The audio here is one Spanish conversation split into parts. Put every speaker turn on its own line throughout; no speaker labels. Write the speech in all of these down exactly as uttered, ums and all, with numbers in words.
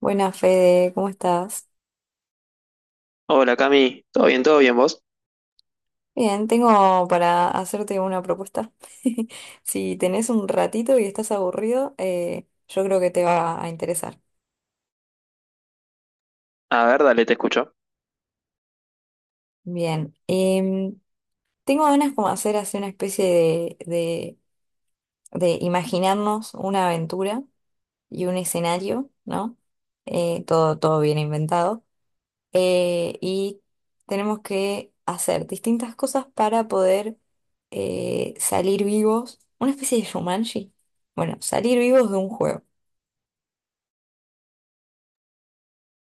Buenas, Fede, ¿cómo estás?
Hola Cami, ¿todo bien? ¿Todo bien vos?
Bien, tengo para hacerte una propuesta. Si tenés un ratito y estás aburrido, eh, yo creo que te va a interesar.
A ver, dale, te escucho.
Bien, em, tengo ganas como hacer así una especie de, de- de imaginarnos una aventura y un escenario, ¿no? Eh, todo, todo bien inventado. eh, y tenemos que hacer distintas cosas para poder eh, salir vivos, una especie de Shumanji. Bueno, salir vivos de un juego.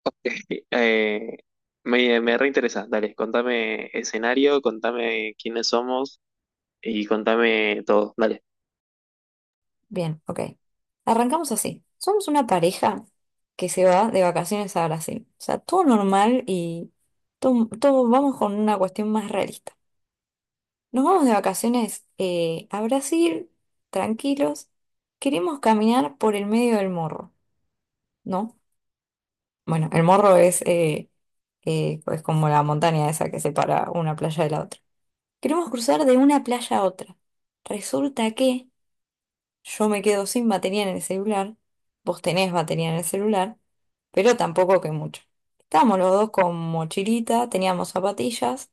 Eh, me, me reinteresa, dale, contame escenario, contame quiénes somos y contame todo, dale.
Bien, ok. Arrancamos así. Somos una pareja que se va de vacaciones a Brasil. O sea, todo normal y todo, todo- vamos con una cuestión más realista. Nos vamos de vacaciones eh, a Brasil, tranquilos. Queremos caminar por el medio del morro, ¿no? Bueno, el morro es, eh, eh, es como la montaña esa que separa una playa de la otra. Queremos cruzar de una playa a otra. Resulta que yo me quedo sin batería en el celular, vos tenés batería en el celular, pero tampoco que mucho. Estábamos los dos con mochilita, teníamos zapatillas,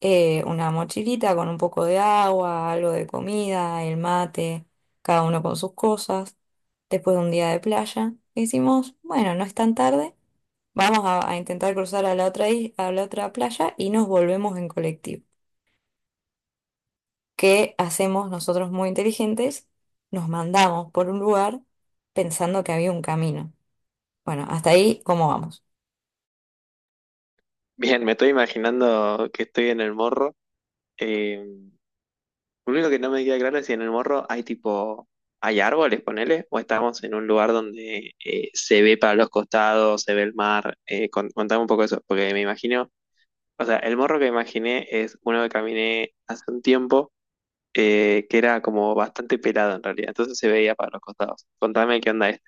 eh, una mochilita con un poco de agua, algo de comida, el mate, cada uno con sus cosas. Después de un día de playa, decimos, bueno, no es tan tarde. Vamos a, a intentar cruzar a la otra, is- a la otra playa y nos volvemos en colectivo. ¿Qué hacemos nosotros muy inteligentes? Nos mandamos por un lugar pensando que había un camino. Bueno, hasta ahí, ¿cómo vamos?
Bien, me estoy imaginando que estoy en el morro. eh, lo único que no me queda claro es si en el morro hay tipo, hay árboles, ponele, o estamos en un lugar donde eh, se ve para los costados, se ve el mar. Eh, con- contame un poco eso, porque me imagino, o sea, el morro que imaginé es uno que caminé hace un tiempo eh, que era como bastante pelado en realidad, entonces se veía para los costados. Contame qué onda este.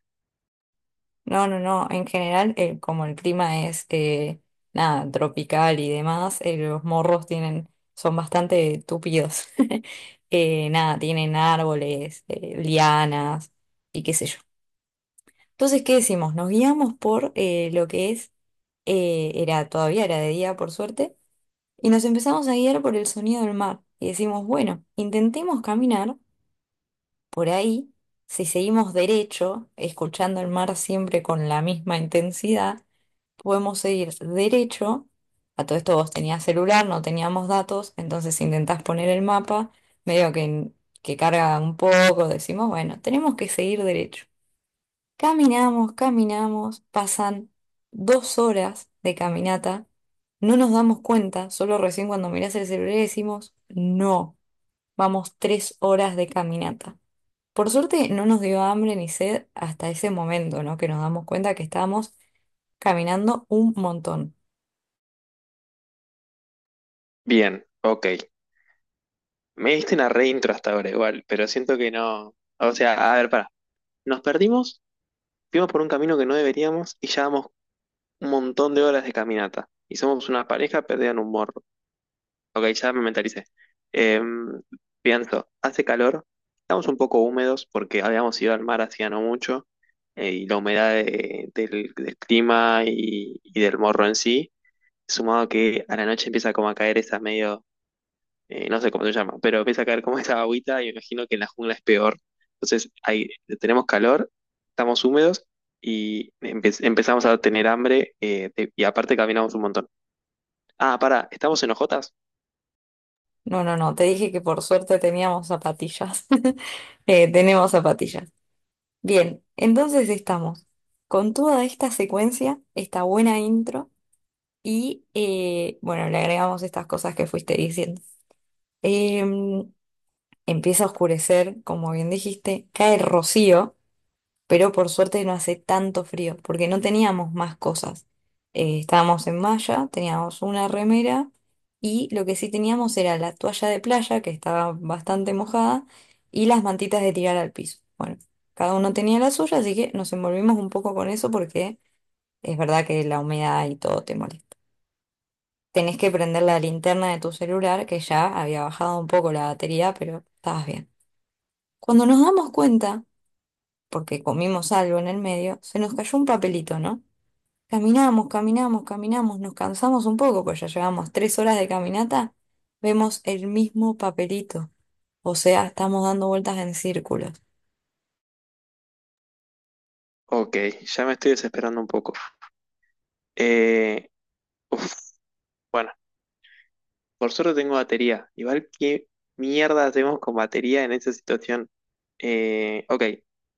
No, no, no. En general, el- como el clima es eh, nada, tropical y demás, eh, los morros tienen, son bastante tupidos. Eh, nada, tienen árboles, eh, lianas y qué sé yo. Entonces, ¿qué decimos? Nos guiamos por eh, lo que es eh, era todavía era de día, por suerte, y nos empezamos a guiar por el sonido del mar. Y decimos, bueno, intentemos caminar por ahí, si seguimos derecho, escuchando el mar siempre con la misma intensidad, podemos seguir derecho. A todo esto vos tenías celular, no teníamos datos, entonces intentás poner el mapa, medio que, que carga un poco, decimos, bueno, tenemos que seguir derecho. Caminamos, caminamos, pasan dos horas de caminata, no nos damos cuenta, solo recién cuando mirás el celular decimos, no, vamos tres horas de caminata. Por suerte no nos dio hambre ni sed hasta ese momento, ¿no? Que nos damos cuenta que estábamos caminando un montón.
Bien, ok. Me diste una reintro hasta ahora igual, pero siento que no. O sea, a ver, pará. Nos perdimos, fuimos por un camino que no deberíamos y llevamos un montón de horas de caminata. Y somos una pareja perdida en un morro. Ok, ya me mentalicé. Em, Pienso, hace calor, estamos un poco húmedos porque habíamos ido al mar hacía no mucho eh, y la humedad de- del, del clima y, y del morro en sí. Sumado a que a la noche empieza como a caer esa medio, eh, no sé cómo se llama, pero empieza a caer como esa agüita y me imagino que en la jungla es peor. Entonces ahí tenemos calor, estamos húmedos y empe- empezamos a tener hambre eh, te- y aparte caminamos un montón. Ah, pará, ¿estamos en hojotas?
No, no, no, te dije que por suerte teníamos zapatillas. Eh, tenemos zapatillas. Bien, entonces estamos con toda esta secuencia, esta buena intro. Y eh, bueno, le agregamos estas cosas que fuiste diciendo. Em, Empieza a oscurecer, como bien dijiste, cae rocío, pero por suerte no hace tanto frío, porque no teníamos más cosas. Eh, estábamos en malla, teníamos una remera y lo que sí teníamos era la toalla de playa, que estaba bastante mojada, y las mantitas de tirar al piso. Bueno, cada uno tenía la suya, así que nos envolvimos un poco con eso porque es verdad que la humedad y todo te molesta. Tenés que prender la linterna de tu celular, que ya había bajado un poco la batería, pero estabas bien. Cuando nos damos cuenta, porque comimos algo en el medio, se nos cayó un papelito, ¿no? Caminamos, caminamos, caminamos, nos cansamos un poco, pues ya llevamos tres horas de caminata, vemos el mismo papelito, o sea, estamos dando vueltas en círculo.
Ok, ya me estoy desesperando un poco. Eh, uf, bueno. Por suerte tengo batería. Igual qué mierda hacemos con batería en esa situación. Eh, ok,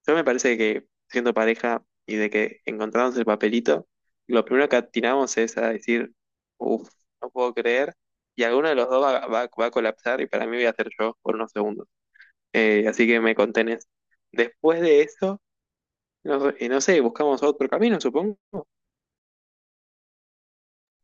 yo me parece que siendo pareja y de que encontramos el papelito, lo primero que atinamos es a decir, uff, no puedo creer, y alguno de los dos va, va- va a colapsar y para mí voy a ser yo por unos segundos. Eh, así que me contenés. Después de eso, no, eh, no sé, buscamos otro camino, supongo.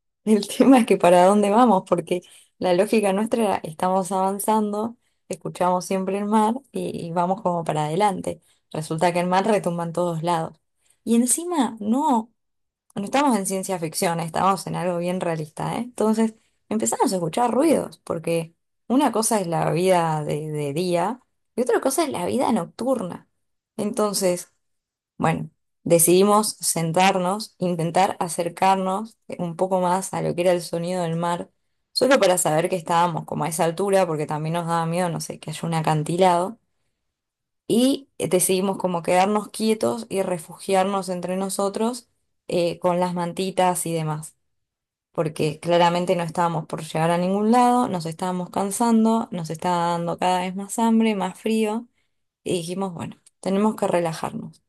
El tema es que para dónde vamos, porque la lógica nuestra era, estamos avanzando, escuchamos siempre el mar y, y vamos como para adelante. Resulta que el mar retumba en todos lados. Y encima, no, no estamos en ciencia ficción, estamos en algo bien realista, ¿eh? Entonces empezamos a escuchar ruidos, porque una cosa es la vida de, de día y otra cosa es la vida nocturna. Entonces, bueno, decidimos sentarnos, intentar acercarnos un poco más a lo que era el sonido del mar, solo para saber que estábamos como a esa altura, porque también nos daba miedo, no sé, que haya un acantilado. Y eh, decidimos como quedarnos quietos y refugiarnos entre nosotros eh, con las mantitas y demás, porque claramente no estábamos por llegar a ningún lado, nos estábamos cansando, nos estaba dando cada vez más hambre, más frío, y dijimos, bueno, tenemos que relajarnos.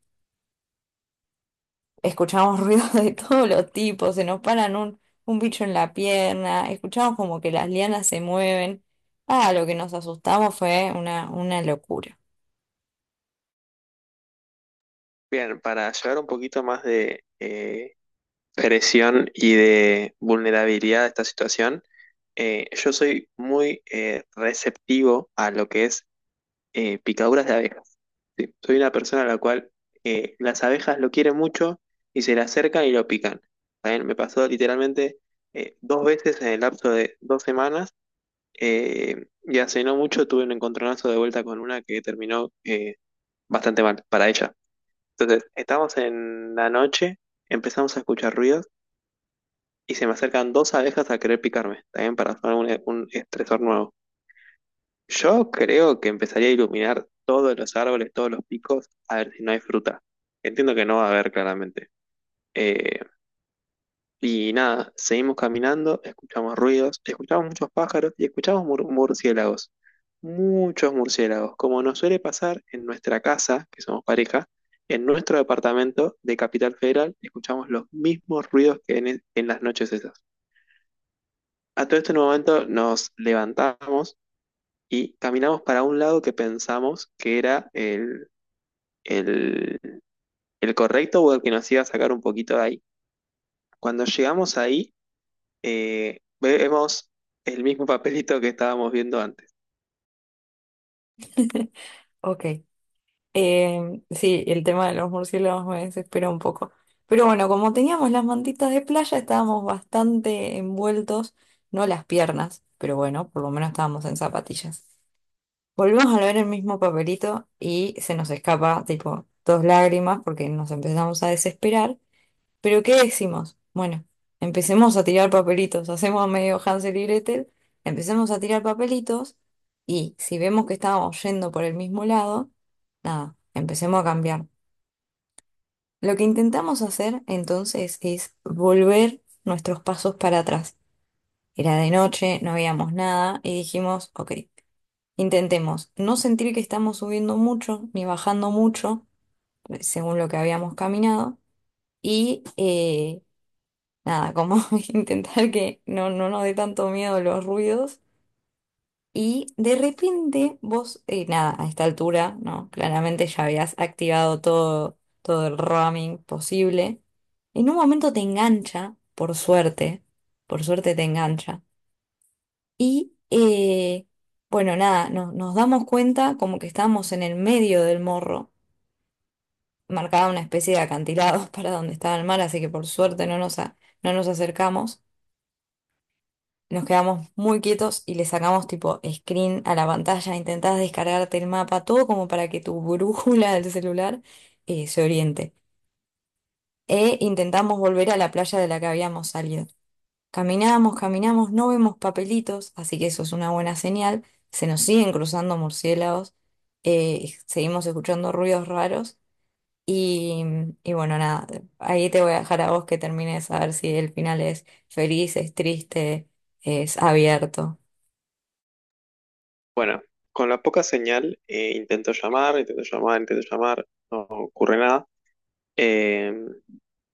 Escuchamos ruidos de todos los tipos, se nos paran un, un bicho en la pierna, escuchamos como que las lianas se mueven. Ah, lo que nos asustamos fue una, una locura.
Bien, para llevar un poquito más de eh, presión y de vulnerabilidad de esta situación, eh, yo soy muy eh, receptivo a lo que es eh, picaduras de abejas. Sí, soy una persona a la cual eh, las abejas lo quieren mucho y se le acercan y lo pican. También me pasó literalmente eh, dos veces en el lapso de dos semanas eh, y hace no mucho tuve un encontronazo de vuelta con una que terminó eh, bastante mal para ella. Entonces, estamos en la noche, empezamos a escuchar ruidos y se me acercan dos abejas a querer picarme, también para hacer un, un estresor nuevo. Yo creo que empezaría a iluminar todos los árboles, todos los picos, a ver si no hay fruta. Entiendo que no va a haber claramente. Eh, y nada, seguimos caminando, escuchamos ruidos, escuchamos muchos pájaros y escuchamos mur- murciélagos. Muchos murciélagos, como nos suele pasar en nuestra casa, que somos pareja, en nuestro departamento de Capital Federal, escuchamos los mismos ruidos que en, e, en las noches esas. A todo este momento nos levantamos y caminamos para un lado que pensamos que era el, el- el correcto o el que nos iba a sacar un poquito de ahí. Cuando llegamos ahí, eh, vemos el mismo papelito que estábamos viendo antes.
Ok. Em, sí, el tema de los murciélagos me desespera un poco. Pero bueno, como teníamos las mantitas de playa, estábamos bastante envueltos, no las piernas, pero bueno, por lo menos estábamos en zapatillas. Volvemos a ver el mismo papelito y se nos escapa, tipo, dos lágrimas porque nos empezamos a desesperar. ¿Pero qué decimos? Bueno, empecemos a tirar papelitos, hacemos medio Hansel y Gretel, empecemos a tirar papelitos y si vemos que estamos yendo por el mismo lado, nada, empecemos a cambiar. Lo que intentamos hacer entonces es volver nuestros pasos para atrás. Era de noche, no veíamos nada y dijimos, ok, intentemos no sentir que estamos subiendo mucho ni bajando mucho, según lo que habíamos caminado, y... eh, nada, como intentar que no, no nos dé tanto miedo los ruidos. Y de repente vos, eh, nada, a esta altura, ¿no? Claramente ya habías activado todo, todo el roaming posible. En un momento te engancha, por suerte, por suerte te engancha. Y, eh, bueno, nada, no- nos damos cuenta como que estábamos en el medio del morro, marcaba una especie de acantilado para donde estaba el mar, así que por suerte no nos, a- no nos acercamos. Nos quedamos muy quietos y le sacamos tipo screen a la pantalla, intentás descargarte el mapa, todo como para que tu brújula del celular eh, se oriente. E intentamos volver a la playa de la que habíamos salido. Caminamos, caminamos, no vemos papelitos, así que eso es una buena señal. Se nos siguen cruzando murciélagos, eh, seguimos escuchando ruidos raros y, y bueno, nada, ahí te voy a dejar a vos que termines a ver si el final es feliz, es triste, es abierto.
Bueno, con la poca señal, eh, intento llamar, intento llamar, intento llamar, no ocurre nada. Eh,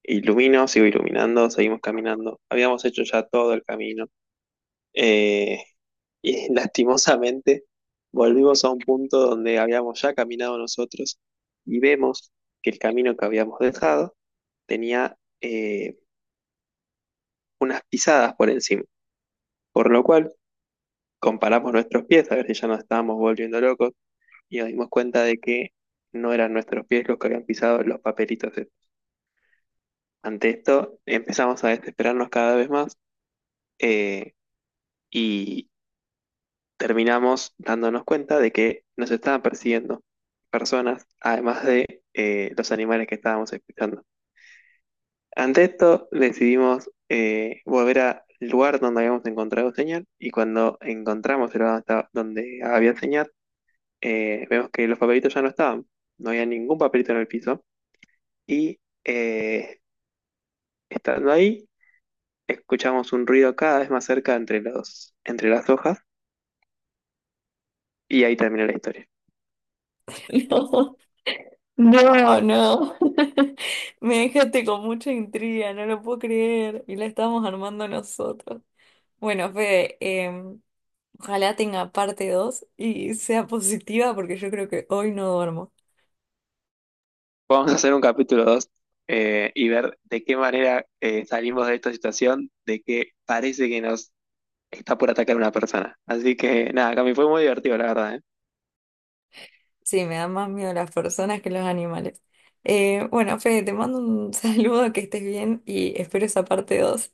Ilumino, sigo iluminando, seguimos caminando. Habíamos hecho ya todo el camino. Eh, Y lastimosamente volvimos a un punto donde habíamos ya caminado nosotros y vemos que el camino que habíamos dejado tenía eh, unas pisadas por encima, por lo cual comparamos nuestros pies a ver si ya nos estábamos volviendo locos y nos dimos cuenta de que no eran nuestros pies los que habían pisado los papelitos estos. Ante esto empezamos a desesperarnos cada vez más, eh, terminamos dándonos cuenta de que nos estaban persiguiendo personas, además de eh, los animales que estábamos escuchando. Ante esto, decidimos eh, volver al lugar donde habíamos encontrado señal y cuando encontramos el lugar donde estaba- donde había señal, eh, vemos que los papelitos ya no estaban, no había ningún papelito en el piso y eh, estando ahí, escuchamos un ruido cada vez más cerca entre los, entre las hojas y ahí termina la historia.
No, no, no. Me dejaste con mucha intriga, no lo puedo creer. Y la estamos armando nosotros. Bueno, Fede, em, ojalá tenga parte dos y sea positiva porque yo creo que hoy no duermo.
Vamos a hacer un capítulo dos y ver de qué manera eh, salimos de esta situación, de que parece que nos está por atacar una persona. Así que nada, Cami, fue muy divertido, la verdad, ¿eh?
Sí, me dan más miedo las personas que los animales. Eh, bueno, Fede, te mando un saludo, que estés bien y espero esa parte dos